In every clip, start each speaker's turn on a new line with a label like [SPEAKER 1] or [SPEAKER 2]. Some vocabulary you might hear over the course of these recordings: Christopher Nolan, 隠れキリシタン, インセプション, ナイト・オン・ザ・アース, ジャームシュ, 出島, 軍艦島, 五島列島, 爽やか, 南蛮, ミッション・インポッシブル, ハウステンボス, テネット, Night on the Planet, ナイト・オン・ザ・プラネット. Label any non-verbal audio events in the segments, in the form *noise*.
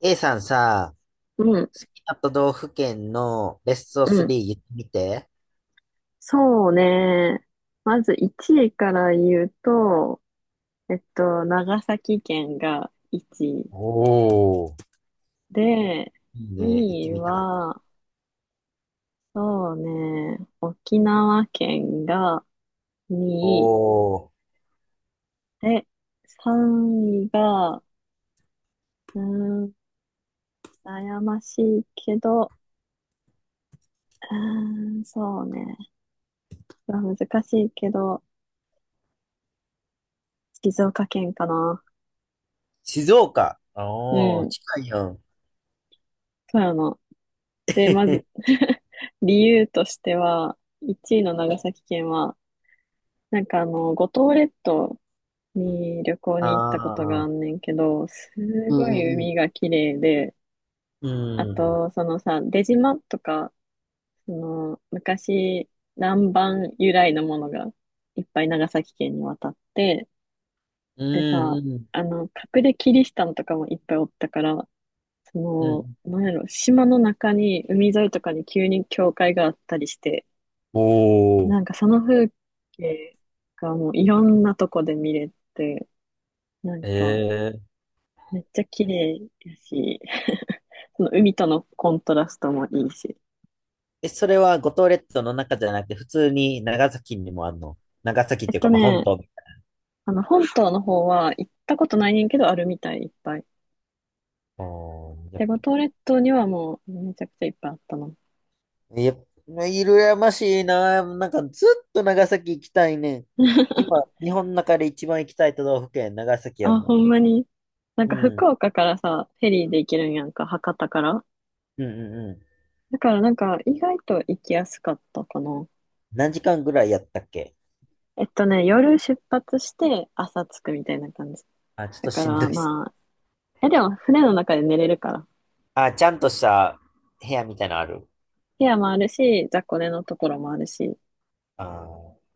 [SPEAKER 1] A さんさ、
[SPEAKER 2] うん、
[SPEAKER 1] 好きな都道府県のベスト
[SPEAKER 2] う
[SPEAKER 1] 3
[SPEAKER 2] ん。
[SPEAKER 1] 言ってみて。
[SPEAKER 2] そうね。まず1位から言うと、長崎県が1位
[SPEAKER 1] おー、
[SPEAKER 2] で、
[SPEAKER 1] いいね、行っ
[SPEAKER 2] 2
[SPEAKER 1] て
[SPEAKER 2] 位
[SPEAKER 1] みたかった。
[SPEAKER 2] は、そうね、沖縄県が2位
[SPEAKER 1] おー、
[SPEAKER 2] で、3位が、うーん、悩ましいけど、そうね、難しいけど、静岡県かな。
[SPEAKER 1] 静岡。
[SPEAKER 2] う
[SPEAKER 1] おー、
[SPEAKER 2] ん、
[SPEAKER 1] 近いよ。
[SPEAKER 2] 富山で、まず、
[SPEAKER 1] *laughs*
[SPEAKER 2] *laughs* 理由としては、1位の長崎県は、なんか五島列島に旅行
[SPEAKER 1] あ
[SPEAKER 2] に行ったことがあん
[SPEAKER 1] あ、
[SPEAKER 2] ねんけど、す
[SPEAKER 1] う
[SPEAKER 2] ごい
[SPEAKER 1] んうん
[SPEAKER 2] 海が綺麗で、
[SPEAKER 1] う
[SPEAKER 2] あ
[SPEAKER 1] ん。うん、
[SPEAKER 2] と、そのさ、出島とか、その、昔、南蛮由来のものがいっぱい長崎県に渡って、
[SPEAKER 1] う
[SPEAKER 2] でさ、
[SPEAKER 1] ん
[SPEAKER 2] あの、隠れキリシタンとかもいっぱいおったから、そ
[SPEAKER 1] うん、う
[SPEAKER 2] の、
[SPEAKER 1] ん。
[SPEAKER 2] なんやろ、島の中に、海沿いとかに急に教会があったりして、
[SPEAKER 1] おー、
[SPEAKER 2] なんかその風景がもういろんなとこで見れて、なん
[SPEAKER 1] え
[SPEAKER 2] か
[SPEAKER 1] ー、
[SPEAKER 2] めっちゃ綺麗やし、その海とのコントラストもいいし。
[SPEAKER 1] え、それは五島列島の中じゃなくて、普通に長崎にもあるの？長崎っ
[SPEAKER 2] えっ
[SPEAKER 1] ていうか、
[SPEAKER 2] と
[SPEAKER 1] まあ、本
[SPEAKER 2] ね、
[SPEAKER 1] 島みたい。
[SPEAKER 2] あの本島の方は行ったことないねんけどあるみたいいっぱい。
[SPEAKER 1] あー、
[SPEAKER 2] で、五島列島にはもうめちゃくちゃいっぱいあったの。
[SPEAKER 1] やっぱ、羨ましいな。なんかずっと長崎行きたいね。今、日本の中で一番行きたい都道府県、長崎や
[SPEAKER 2] あ、ほ
[SPEAKER 1] も
[SPEAKER 2] んまに。なん
[SPEAKER 1] ん。う
[SPEAKER 2] か福
[SPEAKER 1] ん。
[SPEAKER 2] 岡からさ、フェリーで行けるんやんか、博多から。
[SPEAKER 1] うんうんうん。
[SPEAKER 2] だからなんか意外と行きやすかったかな。
[SPEAKER 1] 何時間ぐらいやったっけ？
[SPEAKER 2] 夜出発して朝着くみたいな感じ。
[SPEAKER 1] あ、ちょっ
[SPEAKER 2] だ
[SPEAKER 1] と
[SPEAKER 2] か
[SPEAKER 1] しんど
[SPEAKER 2] ら
[SPEAKER 1] いっす。
[SPEAKER 2] まえ、でも船の中で寝れるから。
[SPEAKER 1] あ、ちゃんとした部屋みたいなのある？
[SPEAKER 2] 部屋もあるし、雑魚寝のところもあるし、
[SPEAKER 1] あー、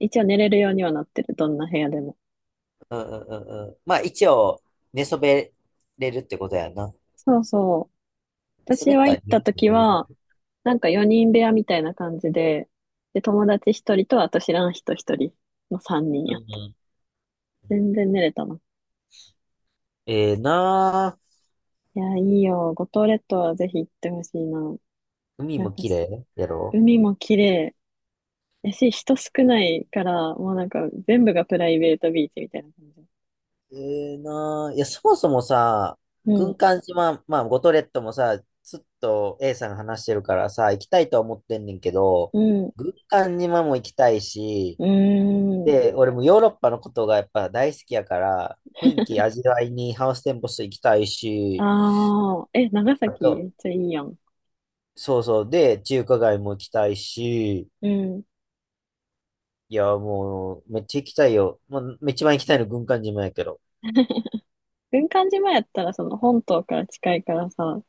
[SPEAKER 2] 一応寝れるようにはなってる、どんな部屋でも。
[SPEAKER 1] うんうんうんうん。まあ一応、寝そべれるってことやな。
[SPEAKER 2] そうそう。
[SPEAKER 1] 寝そ
[SPEAKER 2] 私
[SPEAKER 1] べっ
[SPEAKER 2] は
[SPEAKER 1] た
[SPEAKER 2] 行
[SPEAKER 1] ら
[SPEAKER 2] っ
[SPEAKER 1] 寝
[SPEAKER 2] た時
[SPEAKER 1] れる。
[SPEAKER 2] は、なんか4人部屋みたいな感じで、で、友達1人と、あと知らん人1人の3人
[SPEAKER 1] うん
[SPEAKER 2] やった。
[SPEAKER 1] うん。
[SPEAKER 2] 全然寝れたな。
[SPEAKER 1] ええなあ。
[SPEAKER 2] いや、いいよ。五島列島はぜひ行ってほしいな。
[SPEAKER 1] 海
[SPEAKER 2] なん
[SPEAKER 1] も
[SPEAKER 2] か
[SPEAKER 1] 綺
[SPEAKER 2] す、
[SPEAKER 1] 麗やろ？
[SPEAKER 2] 海も綺麗やし、人少ないから、もうなんか全部がプライベートビーチみたいな感じ。
[SPEAKER 1] ええなあ。いや、そもそもさ、
[SPEAKER 2] う
[SPEAKER 1] 軍
[SPEAKER 2] ん、
[SPEAKER 1] 艦島、まあ、五島列島もさ、ずっと A さんが話してるからさ、行きたいとは思ってんねんけど、
[SPEAKER 2] うん、
[SPEAKER 1] 軍艦島も行きたいし、
[SPEAKER 2] うーん。
[SPEAKER 1] で、俺もヨーロッパのことがやっぱ大好きやから、雰囲気味わいにハウステンボス行きたいし、
[SPEAKER 2] ああ、え、長
[SPEAKER 1] あ
[SPEAKER 2] 崎め
[SPEAKER 1] と、
[SPEAKER 2] っちゃいいやん。
[SPEAKER 1] そうそう、で、中華街も行きたいし、
[SPEAKER 2] うん。
[SPEAKER 1] いや、もう、めっちゃ行きたいよ。まあ、一番行きたいの軍艦島やけど。
[SPEAKER 2] 軍艦島やったらその本島から近いからさ、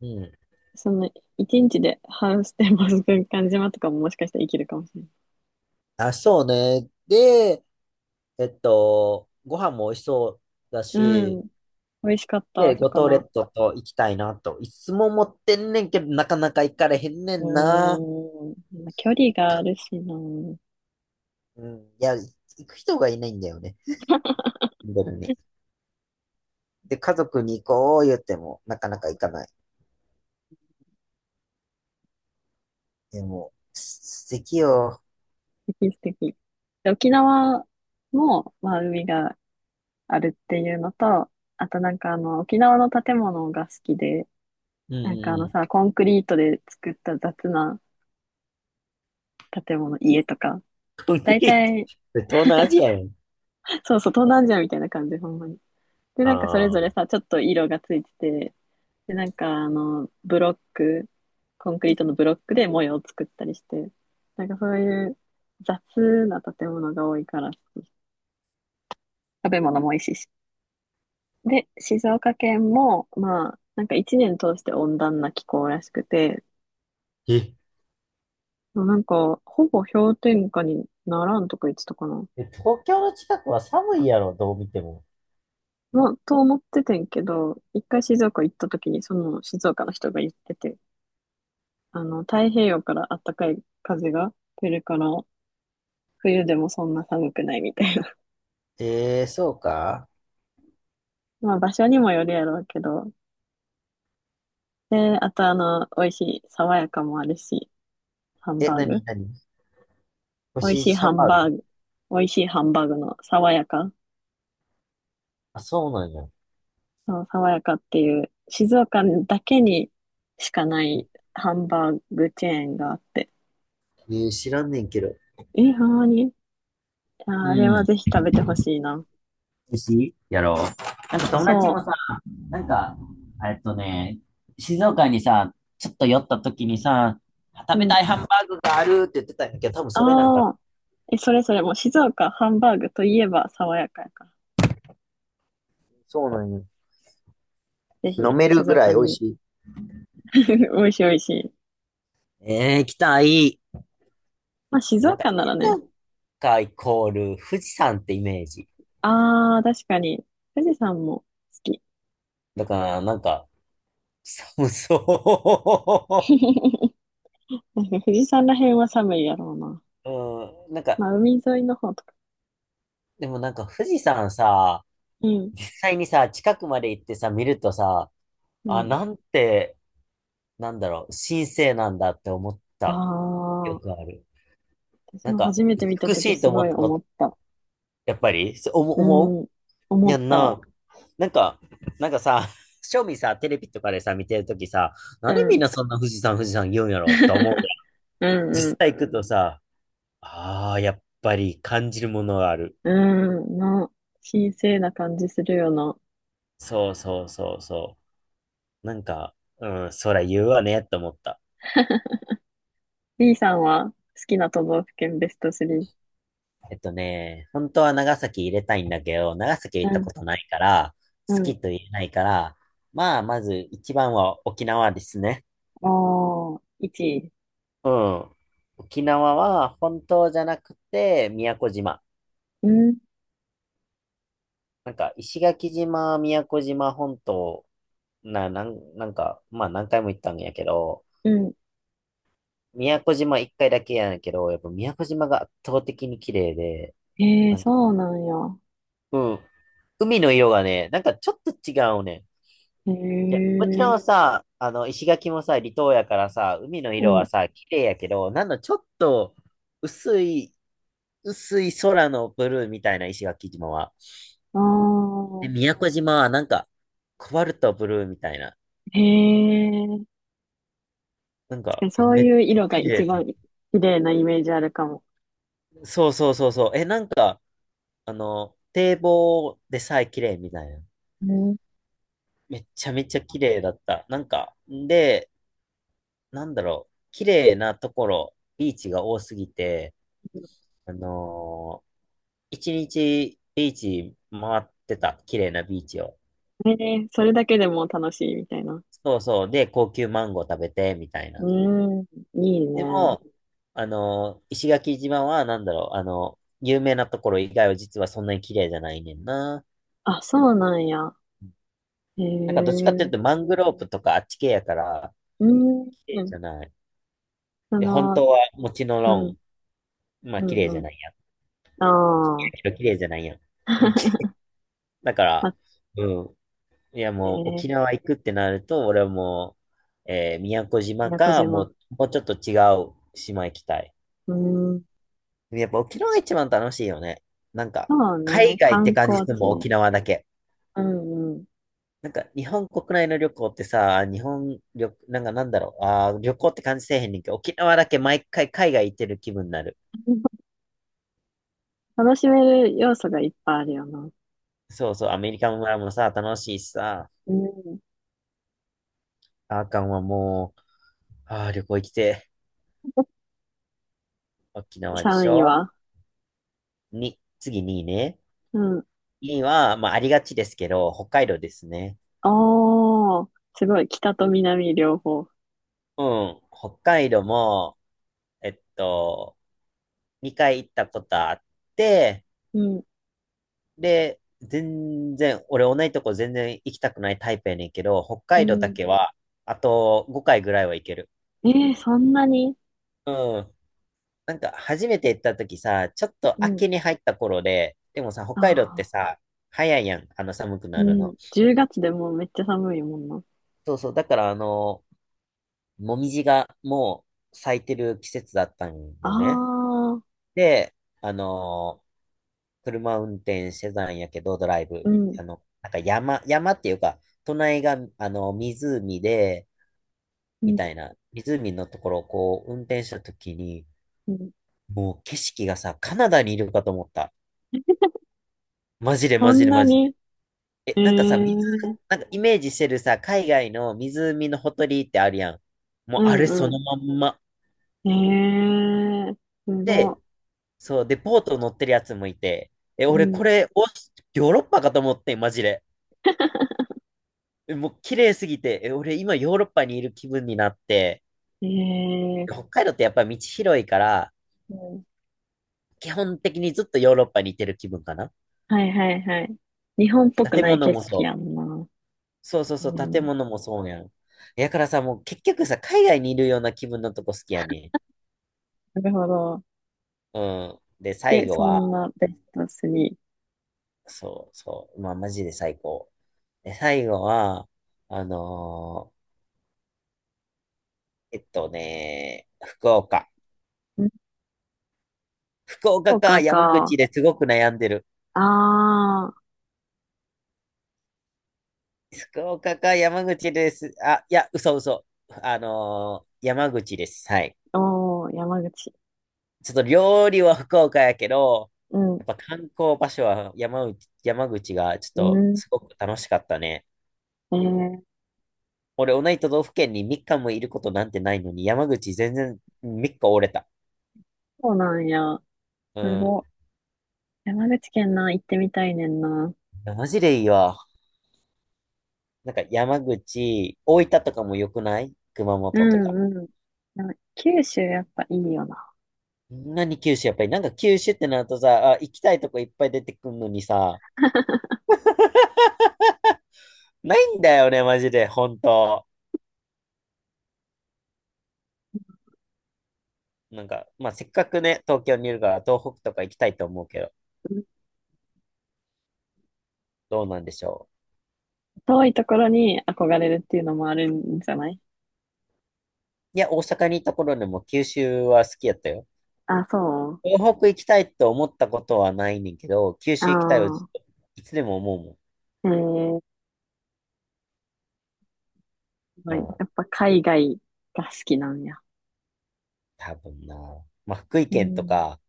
[SPEAKER 1] うん。
[SPEAKER 2] その一日でハウステンボス軍艦島とかももしかしたら生きるかもしれない。
[SPEAKER 1] あ、そうね。で、ご飯も美味しそうだ
[SPEAKER 2] う
[SPEAKER 1] し、
[SPEAKER 2] ん。美味しかった、
[SPEAKER 1] で、五島
[SPEAKER 2] 魚。
[SPEAKER 1] 列島と行きたいなと。いつも思ってんねんけど、なかなか行かれへんね
[SPEAKER 2] うー
[SPEAKER 1] んな。
[SPEAKER 2] ん。まあ、距離があるしな。素
[SPEAKER 1] うん。いや、行く人がいないんだよね。本当に、で、家族に行こう言っても、なかなか行かない。でも、す、素敵よ。
[SPEAKER 2] 敵素敵。で、沖縄も、まあ、海があるっていうのと、あとなんか沖縄の建物が好きで、
[SPEAKER 1] うん
[SPEAKER 2] な
[SPEAKER 1] う
[SPEAKER 2] んかあ
[SPEAKER 1] んう
[SPEAKER 2] の
[SPEAKER 1] ん。
[SPEAKER 2] さ、コンクリートで作った雑な建物、家とか、
[SPEAKER 1] コンク
[SPEAKER 2] 大
[SPEAKER 1] リート。
[SPEAKER 2] 体、
[SPEAKER 1] 東南アジアやん。
[SPEAKER 2] そうそう、東南アジアみたいな感じ、ほんまに。で、なんかそれ
[SPEAKER 1] あ
[SPEAKER 2] ぞれ
[SPEAKER 1] あ。
[SPEAKER 2] さ、ちょっと色がついてて、で、なんかブロック、コンクリートのブロックで模様を作ったりして、なんかそういう雑な建物が多いから好き、食べ物も美味しいし。で、静岡県も、まあ、なんか一年通して温暖な気候らしくて、
[SPEAKER 1] え、
[SPEAKER 2] もうなんか、ほぼ氷点下にならんとか言ってたかな。
[SPEAKER 1] え、東京の近くは寒いやろ、どう見ても。
[SPEAKER 2] まあ、と思っててんけど、一回静岡行った時にその静岡の人が言ってて、太平洋から暖かい風が来るから、冬でもそんな寒くないみたいな。
[SPEAKER 1] ええー、そうか。
[SPEAKER 2] *laughs* まあ場所にもよるやろうけど。で、あと美味しい、爽やかもあるし、ハン
[SPEAKER 1] え、
[SPEAKER 2] バー
[SPEAKER 1] なに
[SPEAKER 2] グ。
[SPEAKER 1] なに、
[SPEAKER 2] 美味
[SPEAKER 1] 星
[SPEAKER 2] しいハ
[SPEAKER 1] 3
[SPEAKER 2] ン
[SPEAKER 1] 番ある？
[SPEAKER 2] バーグ。美味しいハンバーグの爽やか。
[SPEAKER 1] あ、そうなんや。え、
[SPEAKER 2] そう爽やかっていう、静岡だけにしかないハンバーグチェーンがあって。
[SPEAKER 1] ねえー、知らんねんけど。
[SPEAKER 2] え、ほんまに
[SPEAKER 1] う
[SPEAKER 2] ああれは
[SPEAKER 1] ん。
[SPEAKER 2] ぜひ食べてほしいな。
[SPEAKER 1] 寿司やろう。なんか友達
[SPEAKER 2] そ
[SPEAKER 1] もさ、なんか、えっとね、静岡にさ、ちょっと寄った時にさ、
[SPEAKER 2] う。
[SPEAKER 1] 食
[SPEAKER 2] う
[SPEAKER 1] べた
[SPEAKER 2] ん。
[SPEAKER 1] いハンバーグがあるって言ってたんやけど、多分それなんか、
[SPEAKER 2] ああ。え、それもう静岡ハンバーグといえば爽やかやから。
[SPEAKER 1] そうなんよ。
[SPEAKER 2] ぜ
[SPEAKER 1] 飲
[SPEAKER 2] ひ
[SPEAKER 1] める
[SPEAKER 2] 静
[SPEAKER 1] ぐら
[SPEAKER 2] 岡
[SPEAKER 1] い美味
[SPEAKER 2] に。
[SPEAKER 1] しい。
[SPEAKER 2] *laughs* 美味しい美味しい。
[SPEAKER 1] えー、行きたい。
[SPEAKER 2] まあ静
[SPEAKER 1] なんか、
[SPEAKER 2] 岡ならね。
[SPEAKER 1] 静岡イコール富士山ってイメージ。
[SPEAKER 2] ああ、確かに。富士山も好き。
[SPEAKER 1] だから、なんか、寒そ
[SPEAKER 2] *laughs* なんか富士山ら辺は寒いやろうな。
[SPEAKER 1] う。*laughs* うん、なんか、
[SPEAKER 2] まあ海沿いの方とか。
[SPEAKER 1] でもなんか富士山さ、
[SPEAKER 2] うん。
[SPEAKER 1] 実際にさ、近くまで行ってさ、見るとさ、
[SPEAKER 2] う
[SPEAKER 1] あ、
[SPEAKER 2] ん。
[SPEAKER 1] なんて、なんだろう、神聖なんだって思っ
[SPEAKER 2] あ
[SPEAKER 1] た。よく
[SPEAKER 2] あ、
[SPEAKER 1] ある。
[SPEAKER 2] 私
[SPEAKER 1] なん
[SPEAKER 2] も
[SPEAKER 1] か、
[SPEAKER 2] 初めて見た
[SPEAKER 1] 美し
[SPEAKER 2] 時
[SPEAKER 1] いと
[SPEAKER 2] す
[SPEAKER 1] 思
[SPEAKER 2] ごい
[SPEAKER 1] ったこ
[SPEAKER 2] 思っ
[SPEAKER 1] と、
[SPEAKER 2] た。
[SPEAKER 1] やっぱり、そう思
[SPEAKER 2] う
[SPEAKER 1] 思
[SPEAKER 2] ん。
[SPEAKER 1] う
[SPEAKER 2] 思
[SPEAKER 1] や
[SPEAKER 2] っ
[SPEAKER 1] ん
[SPEAKER 2] た。
[SPEAKER 1] な。なんか、なんかさ、正味さ、テレビとかでさ、見てるときさ、な
[SPEAKER 2] う
[SPEAKER 1] んでみん
[SPEAKER 2] ん。
[SPEAKER 1] なそんな富士山、富士山言うんやろって思うやん。
[SPEAKER 2] *laughs* うんう
[SPEAKER 1] 実
[SPEAKER 2] ん。
[SPEAKER 1] 際行くとさ、ああ、やっぱり感じるものがある。
[SPEAKER 2] うん。神聖な感じするよな。
[SPEAKER 1] そうそうそうそう。なんか、うん、そら言うわね、と思った。
[SPEAKER 2] *laughs* B さんは好きな都道府県ベスト3。
[SPEAKER 1] 本当は長崎入れたいんだけど、長崎行っ
[SPEAKER 2] う
[SPEAKER 1] た
[SPEAKER 2] ん、
[SPEAKER 1] ことないから、
[SPEAKER 2] う
[SPEAKER 1] 好
[SPEAKER 2] ん。
[SPEAKER 1] きと言えないから、まあ、まず一番は沖縄ですね。
[SPEAKER 2] ああ、1位。
[SPEAKER 1] うん。沖縄は本島じゃなくて、宮古島。
[SPEAKER 2] うん、
[SPEAKER 1] なんか、石垣島、宮古島本島、なんか、まあ何回も行ったんやけど、
[SPEAKER 2] うん。
[SPEAKER 1] 宮古島一回だけやねんけど、やっぱ宮古島が圧倒的に綺麗で、
[SPEAKER 2] へえ、
[SPEAKER 1] なんか、
[SPEAKER 2] そうなんや。
[SPEAKER 1] うん。海の色がね、なんかちょっと違うねん。
[SPEAKER 2] へ
[SPEAKER 1] いや、こっち
[SPEAKER 2] え、
[SPEAKER 1] のさ、石垣もさ、離島やからさ、海の
[SPEAKER 2] う
[SPEAKER 1] 色は
[SPEAKER 2] ん。
[SPEAKER 1] さ、綺麗やけど、なんのちょっと、薄い、薄い空のブルーみたいな石垣島は。
[SPEAKER 2] あ
[SPEAKER 1] で、
[SPEAKER 2] あ、
[SPEAKER 1] 宮古島はなんか、コバルトブルーみたいな。
[SPEAKER 2] へえ。
[SPEAKER 1] なん
[SPEAKER 2] 確か
[SPEAKER 1] か、
[SPEAKER 2] に
[SPEAKER 1] え、
[SPEAKER 2] そう
[SPEAKER 1] めっ
[SPEAKER 2] いう
[SPEAKER 1] ちゃ
[SPEAKER 2] 色が
[SPEAKER 1] 綺
[SPEAKER 2] 一
[SPEAKER 1] 麗。
[SPEAKER 2] 番綺麗なイメージあるかも。
[SPEAKER 1] そうそうそうそう。え、なんか、堤防でさえ綺麗みたいな。
[SPEAKER 2] うん。
[SPEAKER 1] めっちゃめちゃ綺麗だった。なんか、で、なんだろう、綺麗なところ、ビーチが多すぎて、あのー一日ビーチ回ってた。綺麗なビーチを。
[SPEAKER 2] へえ、それだけでも楽しいみたいな。
[SPEAKER 1] そうそう。で、高級マンゴー食べて、みたいな。
[SPEAKER 2] うん、いい
[SPEAKER 1] で
[SPEAKER 2] ね。
[SPEAKER 1] も、石垣島は、なんだろう、有名なところ以外は実はそんなに綺麗じゃないねんな。
[SPEAKER 2] あ、そうなんや。へ
[SPEAKER 1] なんかどっちかってい
[SPEAKER 2] え、
[SPEAKER 1] うと、マングローブとかあっち系やから、
[SPEAKER 2] うん、
[SPEAKER 1] 綺麗
[SPEAKER 2] うん。
[SPEAKER 1] じゃない。
[SPEAKER 2] そ
[SPEAKER 1] で、本
[SPEAKER 2] の、
[SPEAKER 1] 当は、もちろ
[SPEAKER 2] うん、
[SPEAKER 1] ん、まあ、
[SPEAKER 2] う
[SPEAKER 1] 綺麗
[SPEAKER 2] ん、
[SPEAKER 1] じ
[SPEAKER 2] う
[SPEAKER 1] ゃ
[SPEAKER 2] ん。
[SPEAKER 1] ないやん。
[SPEAKER 2] ああ。
[SPEAKER 1] 綺麗やけど綺麗じゃないやん。*laughs* うんき
[SPEAKER 2] *laughs*
[SPEAKER 1] だから、うん。いや、もう
[SPEAKER 2] え
[SPEAKER 1] 沖
[SPEAKER 2] ー、
[SPEAKER 1] 縄行くってなると、俺はもう、えー、宮古島
[SPEAKER 2] 宮古
[SPEAKER 1] か、も
[SPEAKER 2] 島。
[SPEAKER 1] う、もうちょっと違う島行きたい。
[SPEAKER 2] うーん、
[SPEAKER 1] やっぱ沖縄が一番楽しいよね。なんか、
[SPEAKER 2] そう
[SPEAKER 1] 海
[SPEAKER 2] ね、
[SPEAKER 1] 外っ
[SPEAKER 2] 観
[SPEAKER 1] て感じす
[SPEAKER 2] 光
[SPEAKER 1] るもん、
[SPEAKER 2] 地。
[SPEAKER 1] 沖縄だけ。
[SPEAKER 2] うんうん。
[SPEAKER 1] なんか、日本国内の旅行ってさ、日本旅、なんか、なんだろう、あー、旅行って感じせえへんねんけど、沖縄だけ毎回海外行ってる気分になる。
[SPEAKER 2] *laughs* 楽しめる要素がいっぱいあるよな。
[SPEAKER 1] そうそう、アメリカ村もさ、楽しいしさ、
[SPEAKER 2] うん。
[SPEAKER 1] あーかんはもう、あー、旅行行きて、沖縄でし
[SPEAKER 2] 3位
[SPEAKER 1] ょ
[SPEAKER 2] は。
[SPEAKER 1] に、次2位ね。
[SPEAKER 2] うん。
[SPEAKER 1] には、まあ、ありがちですけど、北海道ですね。
[SPEAKER 2] おー、すごい。北と南両方。
[SPEAKER 1] うん。北海道も、えっと、2回行ったことあって、
[SPEAKER 2] うん、
[SPEAKER 1] で、全然、俺同じとこ全然行きたくないタイプやねんけど、北
[SPEAKER 2] う
[SPEAKER 1] 海道だ
[SPEAKER 2] ん。
[SPEAKER 1] けは、あと5回ぐらいは行ける。
[SPEAKER 2] えー、そんなに。
[SPEAKER 1] うん。なんか、初めて行った時さ、ちょっと
[SPEAKER 2] うん。
[SPEAKER 1] 秋に入った頃で、でもさ、北海道って
[SPEAKER 2] ああ、
[SPEAKER 1] さ、早いやん、あの寒く
[SPEAKER 2] う
[SPEAKER 1] なる
[SPEAKER 2] ん。
[SPEAKER 1] の。
[SPEAKER 2] 10月でもうめっちゃ寒いもんな。
[SPEAKER 1] そうそう、だからあの、もみじがもう咲いてる季節だったん
[SPEAKER 2] あ
[SPEAKER 1] よね。
[SPEAKER 2] あ、
[SPEAKER 1] で、あのー車運転してたんやけど、ドライブ、
[SPEAKER 2] うん、
[SPEAKER 1] あの、なんか山、山っていうか、隣が、あの、湖で、
[SPEAKER 2] う
[SPEAKER 1] み
[SPEAKER 2] ん、
[SPEAKER 1] たいな、湖のところをこう、運転した時に、
[SPEAKER 2] うん。
[SPEAKER 1] もう景色がさ、カナダにいるかと思った。マジで
[SPEAKER 2] そ
[SPEAKER 1] マジ
[SPEAKER 2] ん
[SPEAKER 1] で
[SPEAKER 2] な
[SPEAKER 1] マジで。
[SPEAKER 2] に、え
[SPEAKER 1] え、
[SPEAKER 2] え
[SPEAKER 1] なんかさ、水、
[SPEAKER 2] ー、
[SPEAKER 1] なんかイメージしてるさ、海外の湖のほとりってあるやん。も
[SPEAKER 2] う
[SPEAKER 1] うあれ
[SPEAKER 2] ん、
[SPEAKER 1] その
[SPEAKER 2] う
[SPEAKER 1] まんま。
[SPEAKER 2] ん。ええー、す
[SPEAKER 1] で、
[SPEAKER 2] ご
[SPEAKER 1] そう、で、ボート乗ってるやつもいて、え、
[SPEAKER 2] い。う
[SPEAKER 1] 俺こ
[SPEAKER 2] ん。
[SPEAKER 1] れ、オースヨーロッパかと思ってん、マジで。え、もう綺麗すぎて、え、俺今ヨーロッパにいる気分になって、
[SPEAKER 2] え
[SPEAKER 1] 北
[SPEAKER 2] え、
[SPEAKER 1] 海道ってやっぱ道広いから、
[SPEAKER 2] うん、
[SPEAKER 1] 基本的にずっとヨーロッパにいてる気分かな。
[SPEAKER 2] はいはいはい。日本っぽく
[SPEAKER 1] 建
[SPEAKER 2] ない
[SPEAKER 1] 物
[SPEAKER 2] 景
[SPEAKER 1] も
[SPEAKER 2] 色
[SPEAKER 1] そ
[SPEAKER 2] や
[SPEAKER 1] う。
[SPEAKER 2] んな。
[SPEAKER 1] そうそうそう、
[SPEAKER 2] う
[SPEAKER 1] 建
[SPEAKER 2] ん、
[SPEAKER 1] 物もそうやん。やからさ、もう結局さ、海外にいるような気分のとこ好きやね。
[SPEAKER 2] なるほど。
[SPEAKER 1] うん。で、最
[SPEAKER 2] で、
[SPEAKER 1] 後
[SPEAKER 2] そん
[SPEAKER 1] は、
[SPEAKER 2] なベスト3。
[SPEAKER 1] そうそう、まあマジで最高。で、最後は、あの福岡。
[SPEAKER 2] うん。
[SPEAKER 1] 福
[SPEAKER 2] 福
[SPEAKER 1] 岡
[SPEAKER 2] 岡
[SPEAKER 1] か山口
[SPEAKER 2] か。
[SPEAKER 1] ですごく悩んでる。
[SPEAKER 2] あ
[SPEAKER 1] 福岡か山口です。あ、いや、嘘嘘。山口です。はい。
[SPEAKER 2] あ、おー、山口。
[SPEAKER 1] ちょっと料理は福岡やけど、
[SPEAKER 2] うん、
[SPEAKER 1] やっぱ観光場所は山口、山口がちょっ
[SPEAKER 2] う
[SPEAKER 1] と
[SPEAKER 2] ん。
[SPEAKER 1] すごく楽しかったね。
[SPEAKER 2] ええ、
[SPEAKER 1] 俺、同じ都道府県に3日もいることなんてないのに、山口全然3日折れた。
[SPEAKER 2] そうなんや。
[SPEAKER 1] う
[SPEAKER 2] す
[SPEAKER 1] ん。
[SPEAKER 2] ご。山口県な、行ってみたいねんな。
[SPEAKER 1] いやマジでいいわ。なんか山口、大分とかも良くない？熊
[SPEAKER 2] う
[SPEAKER 1] 本とか。
[SPEAKER 2] んうん。でも九州やっぱいいよな。
[SPEAKER 1] 何九州やっぱりなんか九州ってなるとさ、あ、行きたいとこいっぱい出てくるのにさ、ないんだよね、マジで、本当。なんか、まあ、せっかくね、東京にいるから、東北とか行きたいと思うけど、
[SPEAKER 2] うん。
[SPEAKER 1] どうなんでしょ
[SPEAKER 2] 遠いところに憧れるっていうのもあるんじゃない？
[SPEAKER 1] う。いや、大阪にいた頃でも九州は好きやったよ。
[SPEAKER 2] あ、そう。
[SPEAKER 1] 東北行きたいと思ったことはないねんけど、九
[SPEAKER 2] あ
[SPEAKER 1] 州行きたいはずっ
[SPEAKER 2] あ
[SPEAKER 1] と、いつでも思
[SPEAKER 2] ー、ええ
[SPEAKER 1] う
[SPEAKER 2] ご
[SPEAKER 1] もん。
[SPEAKER 2] い。
[SPEAKER 1] まあ、
[SPEAKER 2] やっぱ海外が好きなんや。
[SPEAKER 1] 多分な。まあ、福井
[SPEAKER 2] う
[SPEAKER 1] 県と
[SPEAKER 2] ん、
[SPEAKER 1] か、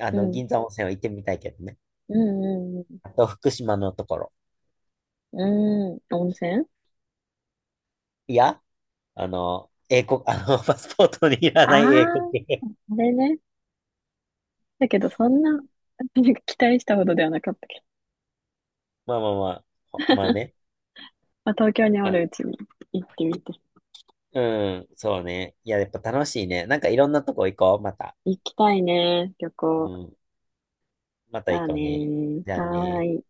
[SPEAKER 2] うん、
[SPEAKER 1] 銀山温泉は行ってみたいけどね。
[SPEAKER 2] うん、うん、
[SPEAKER 1] あと、福島のところ。
[SPEAKER 2] うん、うん。温泉。
[SPEAKER 1] いや、あの、英国、あの、パスポートにいら
[SPEAKER 2] ああ
[SPEAKER 1] ない英国。
[SPEAKER 2] ー、あれね。だけどそんな、
[SPEAKER 1] *laughs*
[SPEAKER 2] *laughs* なんか期待したほどではなかったけど。
[SPEAKER 1] まあまあまあ、ほまあね。
[SPEAKER 2] まあ、東京にお
[SPEAKER 1] まあ、
[SPEAKER 2] るうちに行ってみて。
[SPEAKER 1] うん、そうね。いや、やっぱ楽しいね。なんかいろんなとこ行こう、また。
[SPEAKER 2] 行きたいね、旅
[SPEAKER 1] う
[SPEAKER 2] 行。
[SPEAKER 1] ん、また行
[SPEAKER 2] だ
[SPEAKER 1] こうね。
[SPEAKER 2] ね。
[SPEAKER 1] じゃあ
[SPEAKER 2] はー
[SPEAKER 1] ね。
[SPEAKER 2] い。